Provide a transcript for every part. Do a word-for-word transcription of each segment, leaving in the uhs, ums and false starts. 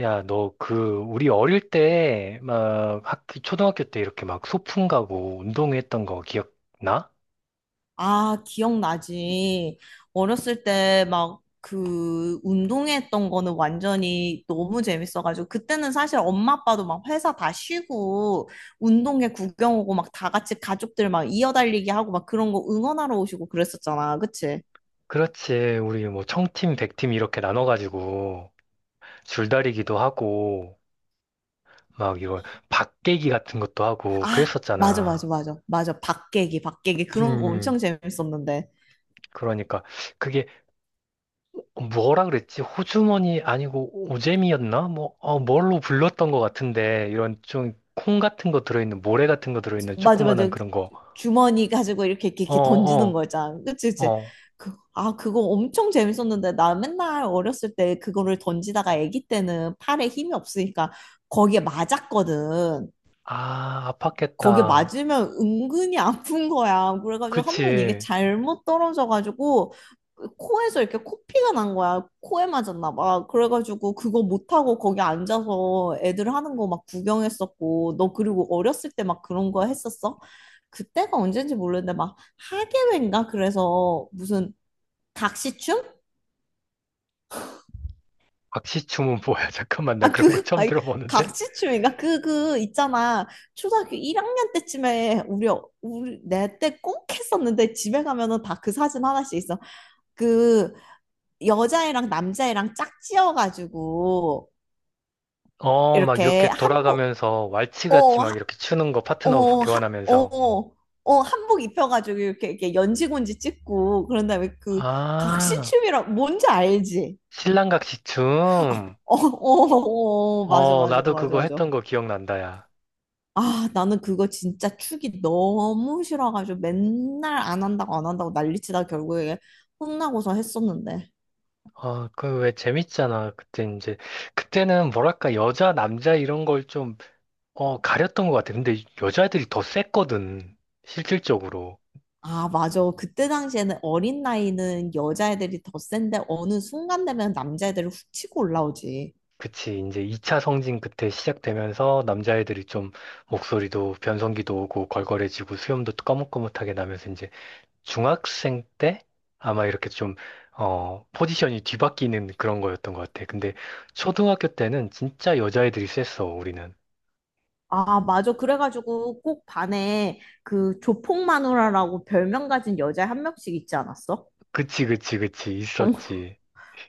야, 너 그 우리 어릴 때 막 학기 초등학교 때 이렇게 막 소풍 가고 운동회 했던 거 기억나? 아, 기억나지. 어렸을 때 막 그 운동했던 거는 완전히 너무 재밌어가지고, 그때는 사실 엄마 아빠도 막 회사 다 쉬고 운동회 구경 오고 막 다 같이 가족들 막 이어달리기 하고 막 그런 거 응원하러 오시고 그랬었잖아. 그치? 그렇지. 우리 뭐 청팀, 백팀 이렇게 나눠 가지고 줄다리기도 하고 막 이거 박깨기 같은 것도 하고 아, 맞아, 맞아, 그랬었잖아. 맞아. 맞아. 박계기, 박계기. 그런 거 음, 엄청 재밌었는데. 그러니까 그게 뭐라 그랬지? 호주머니 아니고 오재미였나? 뭐 어, 뭘로 불렀던 것 같은데 이런 좀 콩 같은 거 들어있는 모래 같은 거 들어있는 맞아, 조그만한 맞아. 그런 거. 주머니 가지고 이렇게 이렇게, 어, 이렇게 던지는 어, 거 있잖아. 그치, 그치. 어. 그, 아, 그거 엄청 재밌었는데, 나 맨날 어렸을 때 그거를 던지다가 아기 때는 팔에 힘이 없으니까 거기에 맞았거든. 아, 거기에 아팠겠다. 맞으면 은근히 아픈 거야. 그래가지고 한 번 이게 그치. 잘못 떨어져가지고 코에서 이렇게 코피가 난 거야. 코에 맞았나 봐. 그래가지고 그거 못하고 거기 앉아서 애들 하는 거 막 구경했었고. 너 그리고 어렸을 때 막 그런 거 했었어? 그때가 언젠지 모르는데 막 하계회인가? 그래서 무슨 각시춤? 박시춤은 뭐야? 잠깐만, 나 아, 그런 그, 거 처음 아니, 들어보는데? 각시춤인가? 그, 그, 있잖아. 초등학교 일 학년 때쯤에 우리, 어- 우리, 내 때 꼭 했었는데, 집에 가면은 다 그 사진 하나씩 있어. 그, 여자애랑 남자애랑 짝지어가지고, 어, 막 이렇게 이렇게 한복, 돌아가면서 왈츠같이 어, 막 하, 이렇게 추는 거 파트너 어, 하, 교환하면서. 어, 어, 한복 입혀가지고 이렇게, 이렇게 연지곤지 찍고, 그런 다음에, 그, 아, 각시춤이라, 뭔지 알지? 신랑각시 춤. 어, 어, 어, 어, 어, 맞아, 어, 맞아, 나도 맞아, 그거 맞아. 했던 거 기억난다, 야. 아, 나는 그거 진짜 축이 너무 싫어가지고 맨날 안 한다고 안 한다고 난리치다 결국에 혼나고서 했었는데. 어, 그 왜 재밌잖아. 그때 이제, 그때는 뭐랄까, 여자, 남자 이런 걸 좀, 어, 가렸던 것 같아. 근데 여자애들이 더 셌거든. 실질적으로. 아, 맞아. 그때 당시에는 어린 나이는 여자애들이 더 센데 어느 순간 되면 남자애들이 훅 치고 올라오지. 그치. 이제 이 차 성징 그때 시작되면서 남자애들이 좀 목소리도 변성기도 오고 걸걸해지고 수염도 꺼뭇꺼뭇하게 나면서 이제 중학생 때 아마 이렇게 좀, 어, 포지션이 뒤바뀌는 그런 거였던 것 같아. 근데 초등학교 때는 진짜 여자애들이 셌어, 우리는. 아, 맞아. 그래가지고 꼭 반에 그 조폭마누라라고 별명 가진 여자 한 명씩 있지 않았어? 그치, 그치, 그치. 있었지.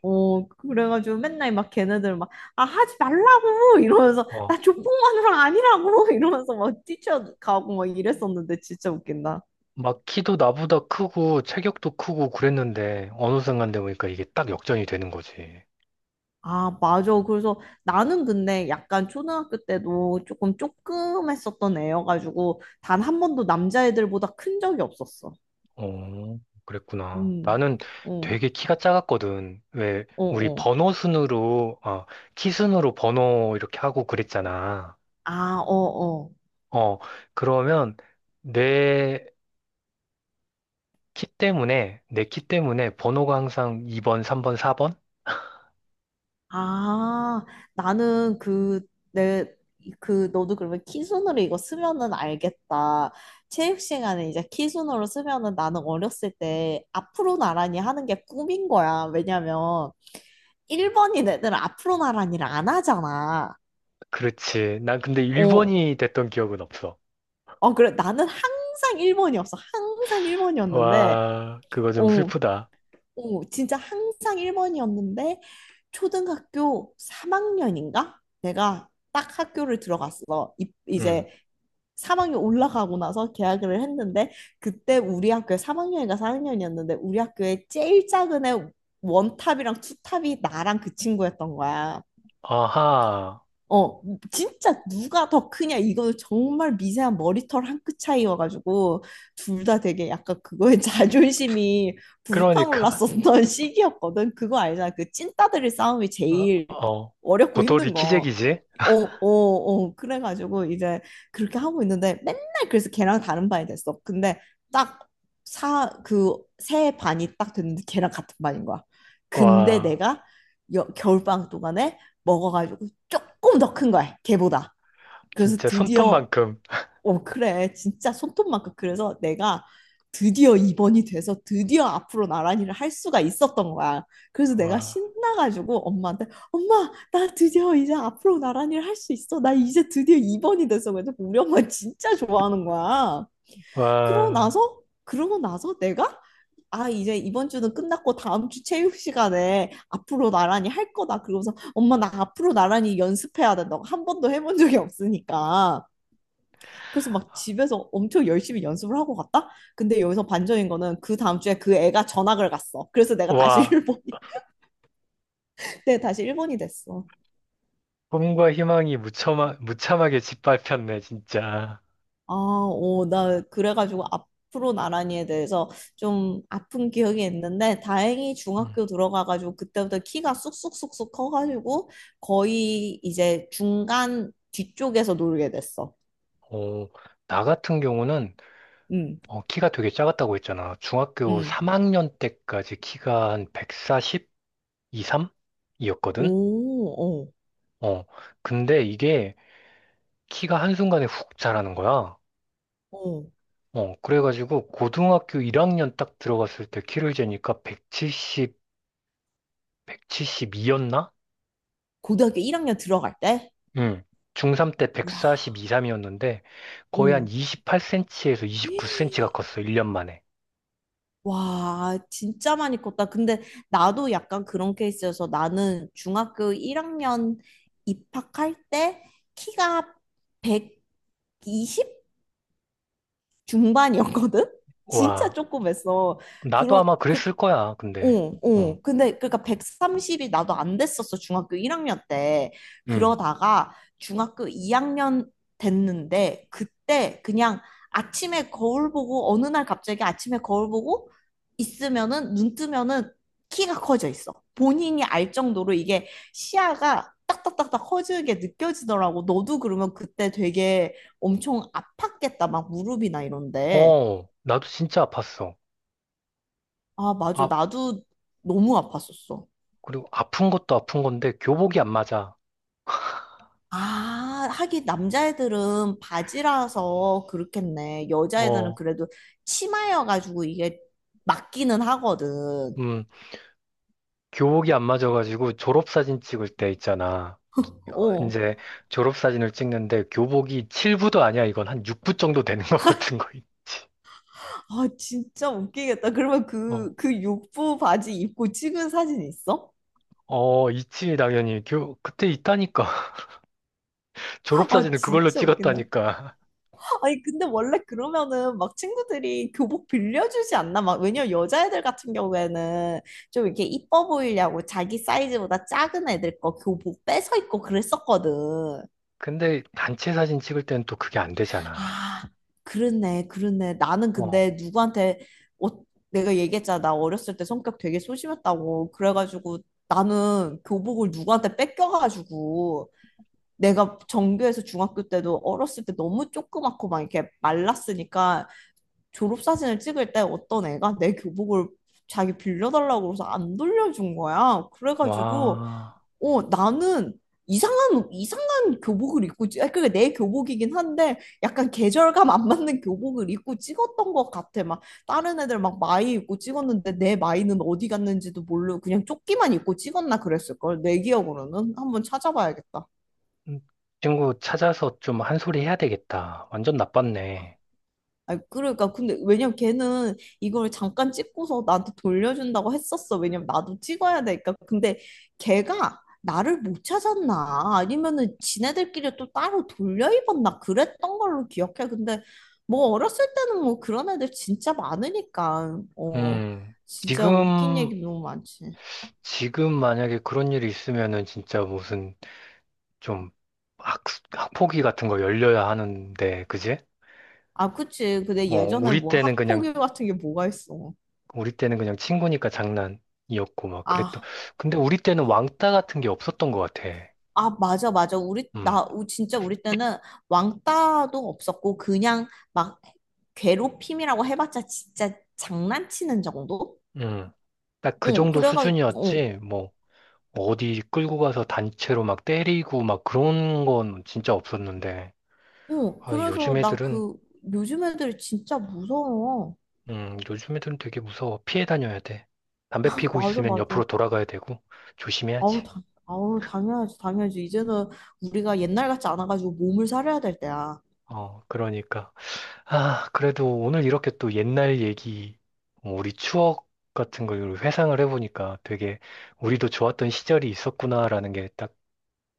어, 그래가지고 맨날 막 걔네들 막, 아, 하지 말라고! 이러면서, 나 어. 조폭마누라 아니라고! 이러면서 막 뛰쳐가고 막 이랬었는데 진짜 웃긴다. 막 키도 나보다 크고 체격도 크고 그랬는데 어느 순간 되니까 이게 딱 역전이 되는 거지. 아, 맞아. 그래서 나는 근데 약간 초등학교 때도 조금 쪼금했었던 애여가지고 단 한 번도 남자애들보다 큰 적이 없었어. 어, 그랬구나. 음, 나는 어, 되게 키가 작았거든. 왜, 어, 우리 어. 번호 순으로, 어, 키 순으로 번호 이렇게 하고 그랬잖아. 아, 어, 어. 어, 그러면 내 키 때문에, 내 키 때문에 번호가 항상 이 번, 삼 번, 사 번? 아, 나는 그, 내, 그, 너도 그러면 키순으로 이거 쓰면은 알겠다. 체육 시간에 이제 키순으로 쓰면은 나는 어렸을 때 앞으로 나란히 하는 게 꿈인 거야. 왜냐면 일 번인 애들은 앞으로 나란히를 안 하잖아. 그렇지. 난 근데 어, 일 번이 됐던 기억은 없어. 어, 그래. 나는 항상 일 번이었어. 항상 일 번이었는데, 와, 그거 좀 슬프다. 오, 진짜 항상 일 번이었는데, 초등학교 삼 학년인가? 내가 딱 학교를 들어갔어. 이, 응. 이제 삼 학년 올라가고 나서 개학을 했는데, 그때 우리 학교에 삼 학년인가 사 학년이었는데, 우리 학교에 제일 작은 애 원탑이랑 투탑이 나랑 그 친구였던 거야. 아하. 어, 진짜 누가 더 크냐, 이거는 정말 미세한 머리털 한 끗 차이여가지고, 둘 다 되게 약간 그거에 자존심이 그러니까, 불타올랐었던 시기였거든. 그거 알잖아. 그 찐따들의 싸움이 제일 어, 어렵고 도토리 힘든 거. 키재기지? 어, 어, 어. 그래가지고 이제 그렇게 하고 있는데, 맨날, 그래서 걔랑 다른 반이 됐어. 근데 딱, 사, 그, 새 반이 딱 됐는데 걔랑 같은 반인 거야. 근데 와, 내가 여, 겨울방학 동안에 먹어가지고 조금 더 큰 거야, 걔보다. 그래서 진짜 드디어, 손톱만큼. 어, 그래. 진짜 손톱만큼. 그래서 내가 드디어 입원이 돼서 드디어 앞으로 나란히를 할 수가 있었던 거야. 그래서 내가 와. 신나가지고 엄마한테, 엄마, 나 드디어 이제 앞으로 나란히를 할 수 있어. 나 이제 드디어 입원이 됐어. 그래서 우리 엄마 진짜 좋아하는 거야. 그러고 와, 나서 그러고 나서 내가, 아, 이제 이번 주는 끝났고 다음 주 체육 시간에 앞으로 나란히 할 거다, 그러면서 엄마 나 앞으로 나란히 연습해야 된다고, 한 번도 해본 적이 없으니까 그래서 막 집에서 엄청 열심히 연습을 하고 갔다. 근데 여기서 반전인 거는, 그 다음 주에 그 애가 전학을 갔어. 그래서 내가 다시 와, 일본이, 그때 다시 일본이 됐어. 꿈과 희망이 무참하, 무참하게 짓밟혔네, 진짜. 아, 오, 나 그래가지고 앞으로 나란히에 대해서 좀 아픈 기억이 있는데 다행히 음. 중학교 들어가가지고 그때부터 키가 쑥쑥쑥쑥 커가지고 거의 이제 중간 뒤쪽에서 놀게 됐어. 어, 나 같은 경우는 응, 어, 키가 되게 작았다고 했잖아. 중학교 응. 삼 학년 때까지 키가 한 백사십, 이십삼? 이었거든? 오, 어, 어, 근데 이게 키가 한순간에 훅 자라는 거야. 어. 어, 그래가지고 고등학교 일 학년 딱 들어갔을 때 키를 재니까 백칠십, 백칠십이였나? 고등학교 일 학년 들어갈 때? 응. 중삼 때 와, 백사십이, 삼이었는데 거의 한 오. 이십팔 센티미터에서 이십구 센티미터가 컸어. 일 년 만에. 와, 진짜 많이 컸다. 근데 나도 약간 그런 케이스여서 나는 중학교 일 학년 입학할 때 키가 백이십 중반이었거든? 진짜 와. 조그맸어. 나도 그런, 아마 그, 그랬을 거야. 어, 근데. 응. 어. 근데 그러니까 백삼십이 나도 안 됐었어. 중학교 일 학년 때. 응. 그러다가 중학교 이 학년 됐는데 그때 그냥, 아침에 거울 보고, 어느 날 갑자기 아침에 거울 보고 있으면은 눈 뜨면은 키가 커져 있어. 본인이 알 정도로 이게 시야가 딱딱딱딱 커지게 느껴지더라고. 너도 그러면 그때 되게 엄청 아팠겠다, 막 무릎이나 이런데. 어. 나도 진짜 아팠어. 아, 맞아. 아, 나도 너무 아팠었어. 그리고 아픈 것도 아픈 건데 교복이 안 맞아. 아, 하긴 남자애들은 바지라서 그렇겠네. 여자애들은 어. 그래도 치마여가지고 이게 맞기는 하거든. 음. 교복이 안 맞아가지고 졸업사진 찍을 때 있잖아. 어. 이제 졸업사진을 찍는데 교복이 칠 부도 아니야. 이건 한 육 부 정도 되는 것 같은 거 있지. 아, 진짜 웃기겠다. 그러면 어. 그, 그 육부 바지 입고 찍은 사진 있어? 어, 있지, 당연히. 교, 그때 있다니까. 아, 졸업사진을 그걸로 진짜 웃긴다. 찍었다니까. 아니, 근데 원래 그러면은 막 친구들이 교복 빌려주지 않나? 막, 왜냐면 여자애들 같은 경우에는 좀 이렇게 이뻐 보이려고 자기 사이즈보다 작은 애들 거 교복 뺏어 입고 그랬었거든. 근데 단체 사진 찍을 때는 또 그게 안 되잖아. 아, 그렇네, 그렇네. 나는 어, 근데 누구한테, 어, 내가 얘기했잖아, 나 어렸을 때 성격 되게 소심했다고. 그래가지고 나는 교복을 누구한테 뺏겨가지고, 내가 전교에서 중학교 때도 어렸을 때 너무 조그맣고 막 이렇게 말랐으니까, 졸업사진을 찍을 때 어떤 애가 내 교복을 자기 빌려달라고 그래서 안 돌려준 거야. 그래가지고 와. 어, 나는 이상한, 이상한 교복을 입고, 찍- 아, 그게 내 교복이긴 한데, 약간 계절감 안 맞는 교복을 입고 찍었던 것 같아. 막, 다른 애들 막 마이 입고 찍었는데, 내 마이는 어디 갔는지도 모르고, 그냥 조끼만 입고 찍었나 그랬을걸, 내 기억으로는. 한번 찾아봐야겠다. 음, 친구 찾아서 좀 한 소리 해야 되겠다. 완전 나빴네. 아, 그러니까 근데 왜냐면 걔는 이걸 잠깐 찍고서 나한테 돌려준다고 했었어. 왜냐면 나도 찍어야 되니까. 근데 걔가 나를 못 찾았나 아니면은 지네들끼리 또 따로 돌려 입었나 그랬던 걸로 기억해. 근데 뭐 어렸을 때는 뭐 그런 애들 진짜 많으니까, 어 음, 진짜 웃긴 지금, 얘기 너무 많지. 지금 만약에 그런 일이 있으면은 진짜 무슨 좀 학, 학폭위 같은 거 열려야 하는데, 그지? 아, 그치. 근데 어, 예전에 우리 뭐 때는 그냥, 학폭위 같은 게 뭐가 있어. 우리 때는 그냥 친구니까 장난이었고 막 그랬던. 아, 근데 우리 때는 왕따 같은 게 없었던 것 같아. 아, 맞아, 맞아. 우리, 음. 나, 우- 진짜 우리 때는 왕따도 없었고, 그냥 막 괴롭힘이라고 해봤자 진짜 장난치는 정도? 음, 딱 그 어, 정도 그래가, 어, 수준이었지, 뭐, 어디 끌고 가서 단체로 막 때리고 막 그런 건 진짜 없었는데, 어, 아, 그래서 요즘 나 애들은, 그, 요즘 애들이 진짜 무서워. 음, 요즘 애들은 되게 무서워. 피해 다녀야 돼. 담배 피고 맞아, 있으면 맞아. 옆으로 돌아가야 되고, 아우, 조심해야지. 당, 아우, 당연하지, 당연하지. 이제는 우리가 옛날 같지 않아가지고 몸을 사려야 될 때야. 어, 그러니까. 아, 그래도 오늘 이렇게 또 옛날 얘기, 어, 우리 추억 같은 걸 회상을 해보니까 되게 우리도 좋았던 시절이 있었구나라는 게 딱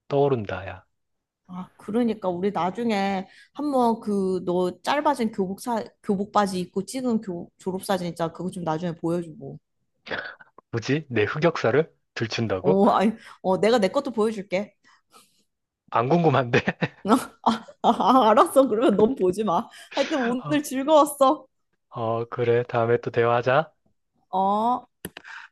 떠오른다, 야. 아, 그러니까 우리 나중에 한번 그 너 짧아진 교복 사 교복 바지 입고 찍은 교 졸업 사진 있잖아. 그거 좀 나중에 보여주고. 뭐지? 내 흑역사를 들춘다고? 어, 아니, 어, 내가 내 것도 보여줄게. 안 궁금한데? 아, 알았어. 그러면 넌 보지 마. 하여튼 오늘 즐거웠어. 어, 그래. 다음에 또 대화하자. 어.